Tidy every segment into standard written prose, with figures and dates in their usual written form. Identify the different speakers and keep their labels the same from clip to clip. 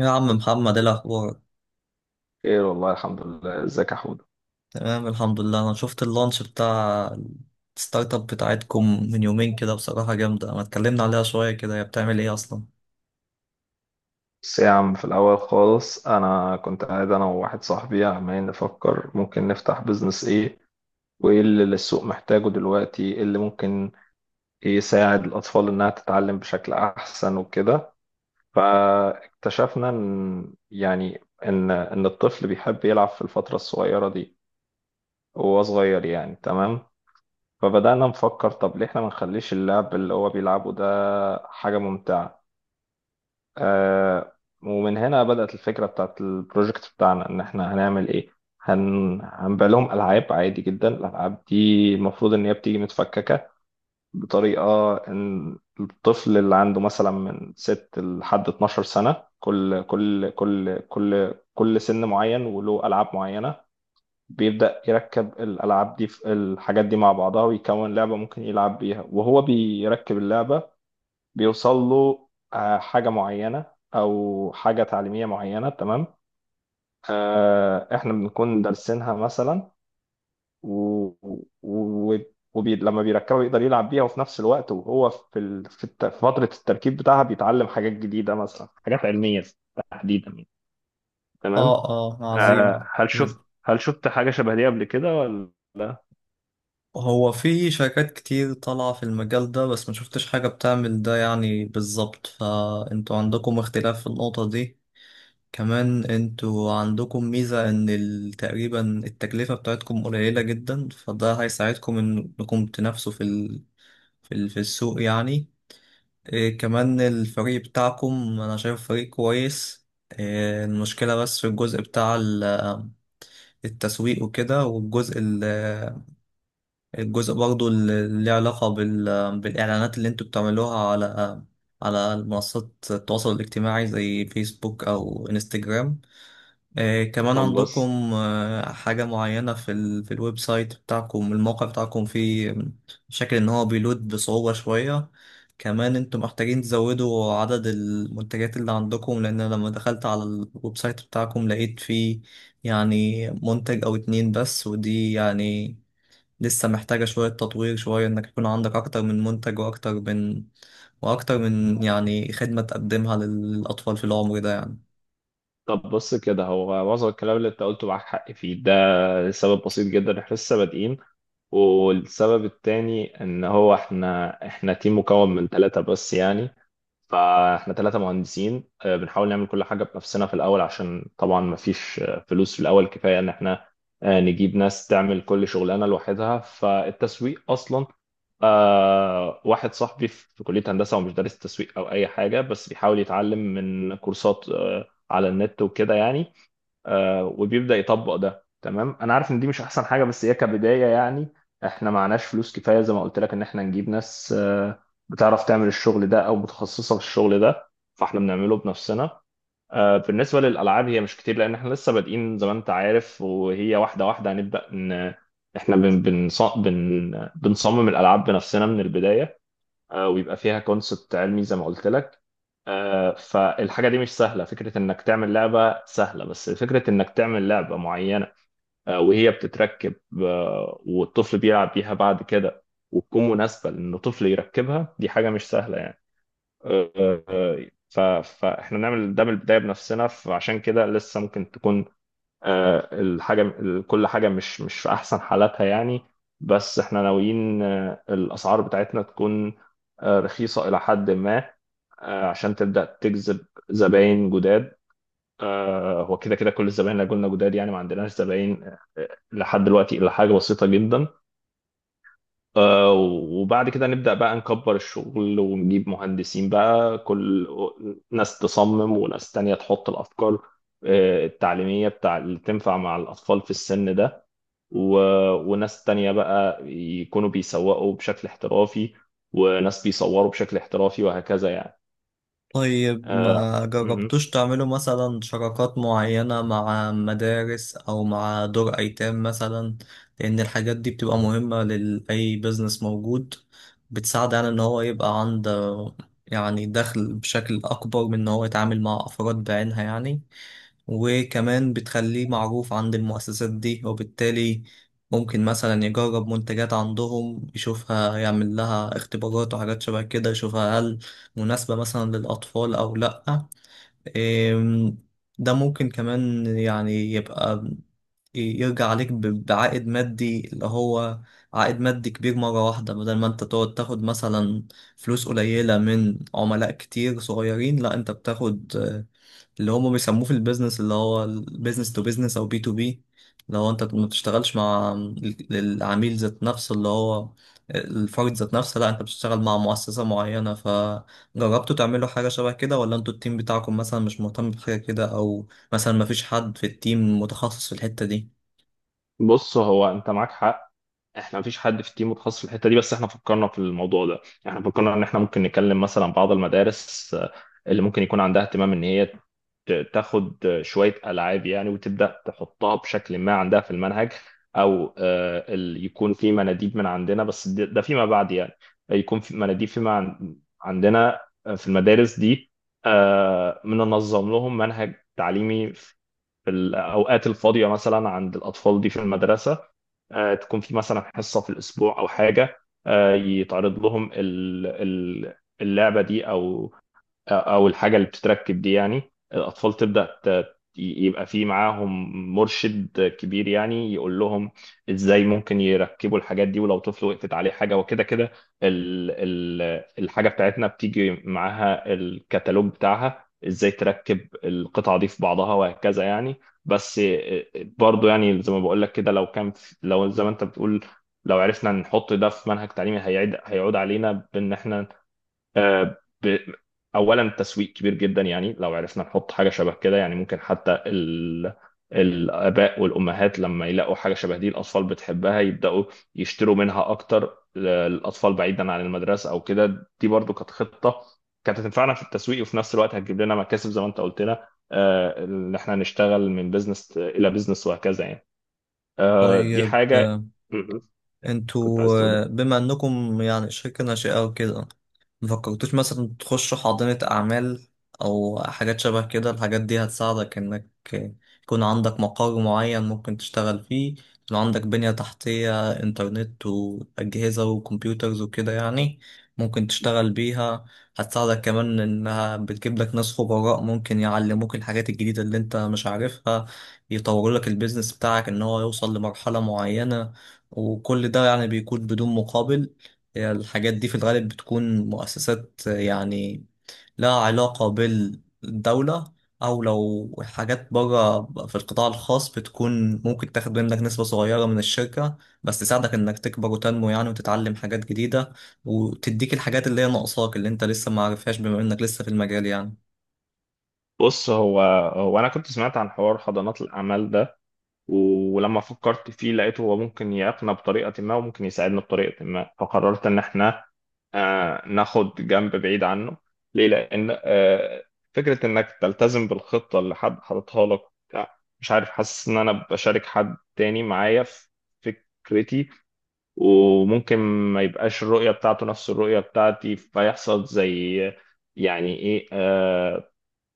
Speaker 1: يا عم محمد، ايه الاخبار؟
Speaker 2: خير والله الحمد لله، ازيك يا حمود؟
Speaker 1: تمام الحمد لله. انا شفت اللانش بتاع الستارت اب بتاعتكم من يومين كده، بصراحة جامدة. ما اتكلمنا عليها شوية، كده هي بتعمل ايه اصلا؟
Speaker 2: بس يا عم في الأول خالص، أنا كنت قاعد أنا وواحد صاحبي عمالين نفكر ممكن نفتح بيزنس إيه، وإيه اللي السوق محتاجه دلوقتي، إيه اللي ممكن يساعد الأطفال إنها تتعلم بشكل أحسن وكده. فاكتشفنا إن، يعني، إن الطفل بيحب يلعب في الفترة الصغيرة دي وهو صغير يعني. تمام. فبدأنا نفكر، طب ليه إحنا ما نخليش اللعب اللي هو بيلعبه ده حاجة ممتعة. آه. ومن هنا بدأت الفكرة بتاعت البروجكت بتاعنا، إن إحنا هنعمل إيه. هنبيع لهم ألعاب عادي جدا. الألعاب دي المفروض إن هي بتيجي متفككة بطريقة إن الطفل اللي عنده مثلا من 6 لحد 12 سنة، كل سن معين وله ألعاب معينة. بيبدأ يركب الألعاب دي في الحاجات دي مع بعضها، ويكون لعبة ممكن يلعب بيها وهو بيركب اللعبة. بيوصل له، حاجة معينة. أو حاجة تعليمية معينة، تمام. إحنا بنكون دارسينها مثلا. و... و... لما بيركبها يقدر يلعب بيها، وفي نفس الوقت وهو في فترة التركيب بتاعها بيتعلم حاجات جديدة، مثلا حاجات علمية تحديدا يعني. تمام.
Speaker 1: اه، اه، عظيم.
Speaker 2: آه، هل شفت هل شفت حاجة شبه دي قبل كده ولا؟
Speaker 1: هو في شركات كتير طالعة في المجال ده، بس ما شفتش حاجة بتعمل ده يعني بالظبط، فانتوا عندكم اختلاف في النقطة دي. كمان انتوا عندكم ميزة ان تقريبا التكلفة بتاعتكم قليلة جدا، فده هيساعدكم انكم تنافسوا في السوق يعني. إيه كمان، الفريق بتاعكم أنا شايف فريق كويس. إيه المشكلة، بس في الجزء بتاع التسويق وكده، الجزء برضو اللي ليه علاقة بالإعلانات اللي انتوا بتعملوها على منصات التواصل الاجتماعي زي فيسبوك أو انستجرام. كمان
Speaker 2: طب بص
Speaker 1: عندكم حاجة معينة في الويب سايت بتاعكم، الموقع بتاعكم فيه شكل إن هو بيلود بصعوبة شوية. كمان انتم محتاجين تزودوا عدد المنتجات اللي عندكم، لأن أنا لما دخلت على الويب سايت بتاعكم لقيت فيه يعني منتج أو اتنين بس، ودي يعني لسه محتاجة شوية تطوير، شوية إنك يكون عندك أكتر من منتج وأكتر من يعني خدمة تقدمها للأطفال في العمر ده يعني.
Speaker 2: طب بص كده، هو معظم الكلام اللي انت قلته معاك حق فيه ده، لسبب بسيط جدا، احنا لسه بادئين. والسبب التاني ان هو احنا تيم مكون من ثلاثة بس يعني. فاحنا ثلاثة مهندسين، بنحاول نعمل كل حاجة بنفسنا في الاول، عشان طبعا ما فيش فلوس في الاول كفاية ان احنا نجيب ناس تعمل كل شغلانة لوحدها. فالتسويق اصلا، واحد صاحبي في كلية هندسة ومش دارس تسويق او اي حاجة، بس بيحاول يتعلم من كورسات على النت وكده يعني، وبيبدأ يطبق ده. تمام، انا عارف ان دي مش احسن حاجة بس هي كبداية يعني. احنا معناش فلوس كفاية زي ما قلت لك ان احنا نجيب ناس بتعرف تعمل الشغل ده او متخصصة في الشغل ده، فاحنا بنعمله بنفسنا. بالنسبة للألعاب، هي مش كتير لأن احنا لسه بادئين زي ما انت عارف، وهي واحدة واحدة هنبدأ. ان احنا بن بنص- بن بنصمم الألعاب بنفسنا من البداية. ويبقى فيها كونسبت علمي زي ما قلت لك. فالحاجة دي مش سهلة، فكرة إنك تعمل لعبة سهلة، بس فكرة إنك تعمل لعبة معينة وهي بتتركب والطفل بيلعب بيها بعد كده، وتكون مناسبة لأنه طفل يركبها، دي حاجة مش سهلة يعني. آه، آه، آه، ف- فإحنا نعمل ده من البداية بنفسنا. فعشان كده لسه ممكن تكون، كل حاجة مش في أحسن حالاتها يعني. بس احنا ناويين الأسعار بتاعتنا تكون رخيصة إلى حد ما، عشان تبدأ تجذب زباين جداد. هو كده كده، كل الزباين اللي قلنا جداد يعني، ما عندناش زباين لحد دلوقتي إلا حاجة بسيطة جدا. وبعد كده نبدأ بقى نكبر الشغل، ونجيب مهندسين بقى، كل ناس تصمم وناس تانية تحط الأفكار التعليمية بتاع اللي تنفع مع الأطفال في السن ده. و... وناس تانية بقى يكونوا بيسوقوا بشكل احترافي، وناس بيصوروا بشكل احترافي وهكذا يعني.
Speaker 1: طيب،
Speaker 2: آه،
Speaker 1: ما
Speaker 2: مهم.
Speaker 1: جربتوش تعملوا مثلا شراكات معينة مع مدارس أو مع دور أيتام مثلا؟ لأن الحاجات دي بتبقى مهمة لأي بيزنس موجود، بتساعد على إن هو يبقى عنده يعني دخل بشكل أكبر من إن هو يتعامل مع أفراد بعينها يعني. وكمان بتخليه معروف عند المؤسسات دي، وبالتالي ممكن مثلا يجرب منتجات عندهم، يشوفها، يعمل لها اختبارات وحاجات شبه كده، يشوفها هل مناسبة مثلا للأطفال أو لأ. إم، ده ممكن كمان يعني يبقى يرجع عليك بعائد مادي، اللي هو عائد مادي كبير مرة واحدة، بدل ما انت تقعد تاخد مثلا فلوس قليلة من عملاء كتير صغيرين. لا، انت بتاخد اللي هم بيسموه في البيزنس، اللي هو البيزنس تو بيزنس او B2B، اللي هو انت ما بتشتغلش مع العميل ذات نفسه، اللي هو الفرد ذات نفسه، لا انت بتشتغل مع مؤسسة معينة. فجربتوا تعملوا حاجة شبه كده؟ ولا انتوا التيم بتاعكم مثلا مش مهتم بحاجة كده، او مثلا ما فيش حد في التيم متخصص في الحتة دي؟
Speaker 2: بص، هو انت معاك حق، احنا مفيش حد في التيم متخصص في الحتة دي، بس احنا فكرنا في الموضوع ده. احنا فكرنا ان احنا ممكن نكلم مثلا بعض المدارس اللي ممكن يكون عندها اهتمام ان هي تاخد شوية ألعاب يعني، وتبدأ تحطها بشكل ما عندها في المنهج. أو يكون في مناديب من عندنا، بس ده فيما بعد يعني. يكون في مناديب عندنا، في المدارس دي، بننظم لهم منهج تعليمي في الأوقات الفاضية مثلا عند الأطفال دي في المدرسة. تكون في مثلا حصة في الأسبوع أو حاجة، يتعرض لهم اللعبة دي، أو الحاجه اللي بتتركب دي يعني. الاطفال تبدا يبقى في معاهم مرشد كبير يعني، يقول لهم ازاي ممكن يركبوا الحاجات دي، ولو طفل وقفت عليه حاجه وكده كده، ال ال الحاجه بتاعتنا بتيجي معاها الكتالوج بتاعها ازاي تركب القطعه دي في بعضها وهكذا يعني. بس برضو يعني زي ما بقول لك كده، لو زي ما انت بتقول، لو عرفنا نحط ده في منهج تعليمي هيعود علينا بان احنا، آه، ب- اولا تسويق كبير جدا يعني. لو عرفنا نحط حاجه شبه كده يعني، ممكن حتى الاباء والامهات لما يلاقوا حاجه شبه دي الاطفال بتحبها يبداوا يشتروا منها اكتر. الاطفال بعيدا عن المدرسه او كده، دي برضو كانت خطه، كانت هتنفعنا في التسويق وفي نفس الوقت هتجيب لنا مكاسب زي ما انت قلت لنا، ان احنا نشتغل من بزنس الى بزنس وهكذا يعني. دي
Speaker 1: طيب،
Speaker 2: حاجه مهم. كنت عايز
Speaker 1: انتوا
Speaker 2: تقول إيه؟
Speaker 1: بما انكم يعني شركة ناشئة وكده، مفكرتوش مثلا تخشوا حاضنة أعمال أو حاجات شبه كده؟ الحاجات دي هتساعدك إنك يكون عندك مقر معين ممكن تشتغل فيه، يكون عندك بنية تحتية، إنترنت وأجهزة وكمبيوترز وكده يعني ممكن تشتغل بيها. هتساعدك كمان، إنها بتجيب لك ناس خبراء ممكن يعلموك الحاجات الجديدة اللي أنت مش عارفها، يطوروا لك البيزنس بتاعك إن هو يوصل لمرحلة معينة، وكل ده يعني بيكون بدون مقابل. هي الحاجات دي في الغالب بتكون مؤسسات يعني لها علاقة بالدولة، أو لو حاجات بره في القطاع الخاص بتكون ممكن تاخد منك نسبة صغيرة من الشركة، بس تساعدك إنك تكبر وتنمو يعني، وتتعلم حاجات جديدة، وتديك الحاجات اللي هي ناقصاك اللي أنت لسه معرفهاش بما إنك لسه في المجال يعني.
Speaker 2: بص، هو انا كنت سمعت عن حوار حضانات الاعمال ده، ولما فكرت فيه لقيته هو ممكن يعيقنا بطريقة ما وممكن يساعدنا بطريقة ما، فقررت إن إحنا ناخد جنب بعيد عنه. ليه؟ لأن فكرة إنك تلتزم بالخطة اللي حد حاططها لك، بتاع، مش عارف، حاسس إن أنا بشارك حد تاني معايا في فكرتي، وممكن ما يبقاش الرؤية بتاعته نفس الرؤية بتاعتي، فيحصل زي يعني إيه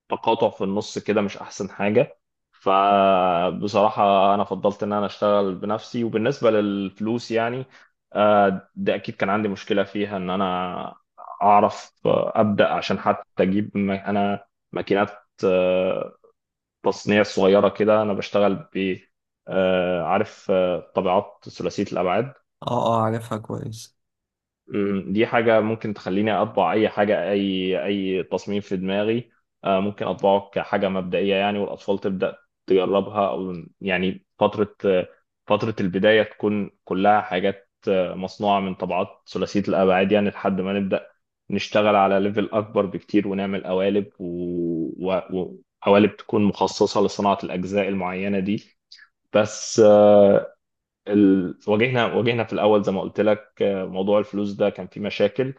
Speaker 2: تقاطع في النص كده، مش احسن حاجه. فبصراحه انا فضلت ان انا اشتغل بنفسي. وبالنسبه للفلوس يعني، ده اكيد كان عندي مشكله فيها، ان انا اعرف ابدا، عشان حتى اجيب انا ماكينات آه، تصنيع صغيره كده، انا بشتغل ب عارف، طابعات ثلاثيه الابعاد.
Speaker 1: اه، اه، عارفها كويس.
Speaker 2: دي حاجة ممكن تخليني أطبع أي حاجة، أي تصميم في دماغي. ممكن أطبعه كحاجة مبدئية يعني، والأطفال تبدأ تجربها أو يعني. فترة البداية تكون كلها حاجات مصنوعة من طبعات ثلاثية الأبعاد يعني، لحد ما نبدأ نشتغل على ليفل أكبر بكتير، ونعمل قوالب وقوالب تكون مخصصة لصناعة الأجزاء المعينة دي. بس واجهنا في الاول زي ما قلت لك، موضوع الفلوس ده كان فيه مشاكل.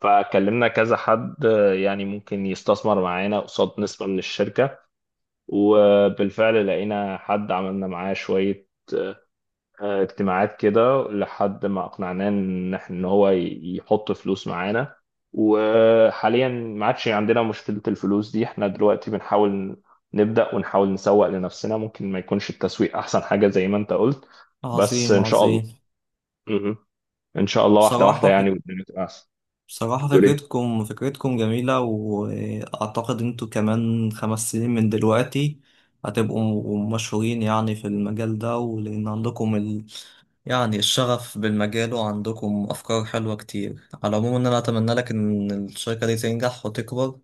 Speaker 2: فكلمنا كذا حد يعني ممكن يستثمر معانا قصاد نسبة من الشركة. وبالفعل لقينا حد عملنا معاه شوية اجتماعات كده، لحد ما اقنعناه ان إن هو يحط فلوس معانا. وحاليا ما عادش عندنا مشكلة الفلوس دي، احنا دلوقتي بنحاول نبدأ ونحاول نسوق لنفسنا، ممكن ما يكونش التسويق احسن حاجة زي ما انت قلت، بس
Speaker 1: عظيم،
Speaker 2: ان شاء
Speaker 1: عظيم.
Speaker 2: الله. ان شاء الله، واحده واحده
Speaker 1: بصراحة،
Speaker 2: يعني، والدنيا تبقى احسن.
Speaker 1: بصراحة
Speaker 2: بتقول ايه؟
Speaker 1: فكرتكم جميلة، وأعتقد أنتوا كمان 5 سنين من دلوقتي هتبقوا مشهورين يعني في المجال ده، ولأن عندكم يعني الشغف بالمجال، وعندكم أفكار حلوة كتير. على العموم، إن أنا أتمنى لك إن الشركة دي تنجح وتكبر،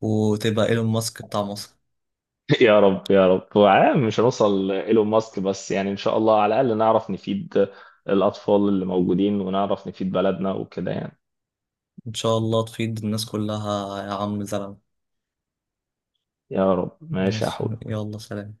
Speaker 1: وتبقى إيلون ماسك بتاع مصر.
Speaker 2: يا رب يا رب، هو عام مش هنوصل ايلون ماسك، بس يعني ان شاء الله على الاقل نعرف نفيد الاطفال اللي موجودين، ونعرف نفيد بلدنا وكده يعني.
Speaker 1: إن شاء الله تفيد الناس كلها يا عم زلمة.
Speaker 2: يا رب، ماشي يا
Speaker 1: ماشي،
Speaker 2: حود.
Speaker 1: يلا سلام.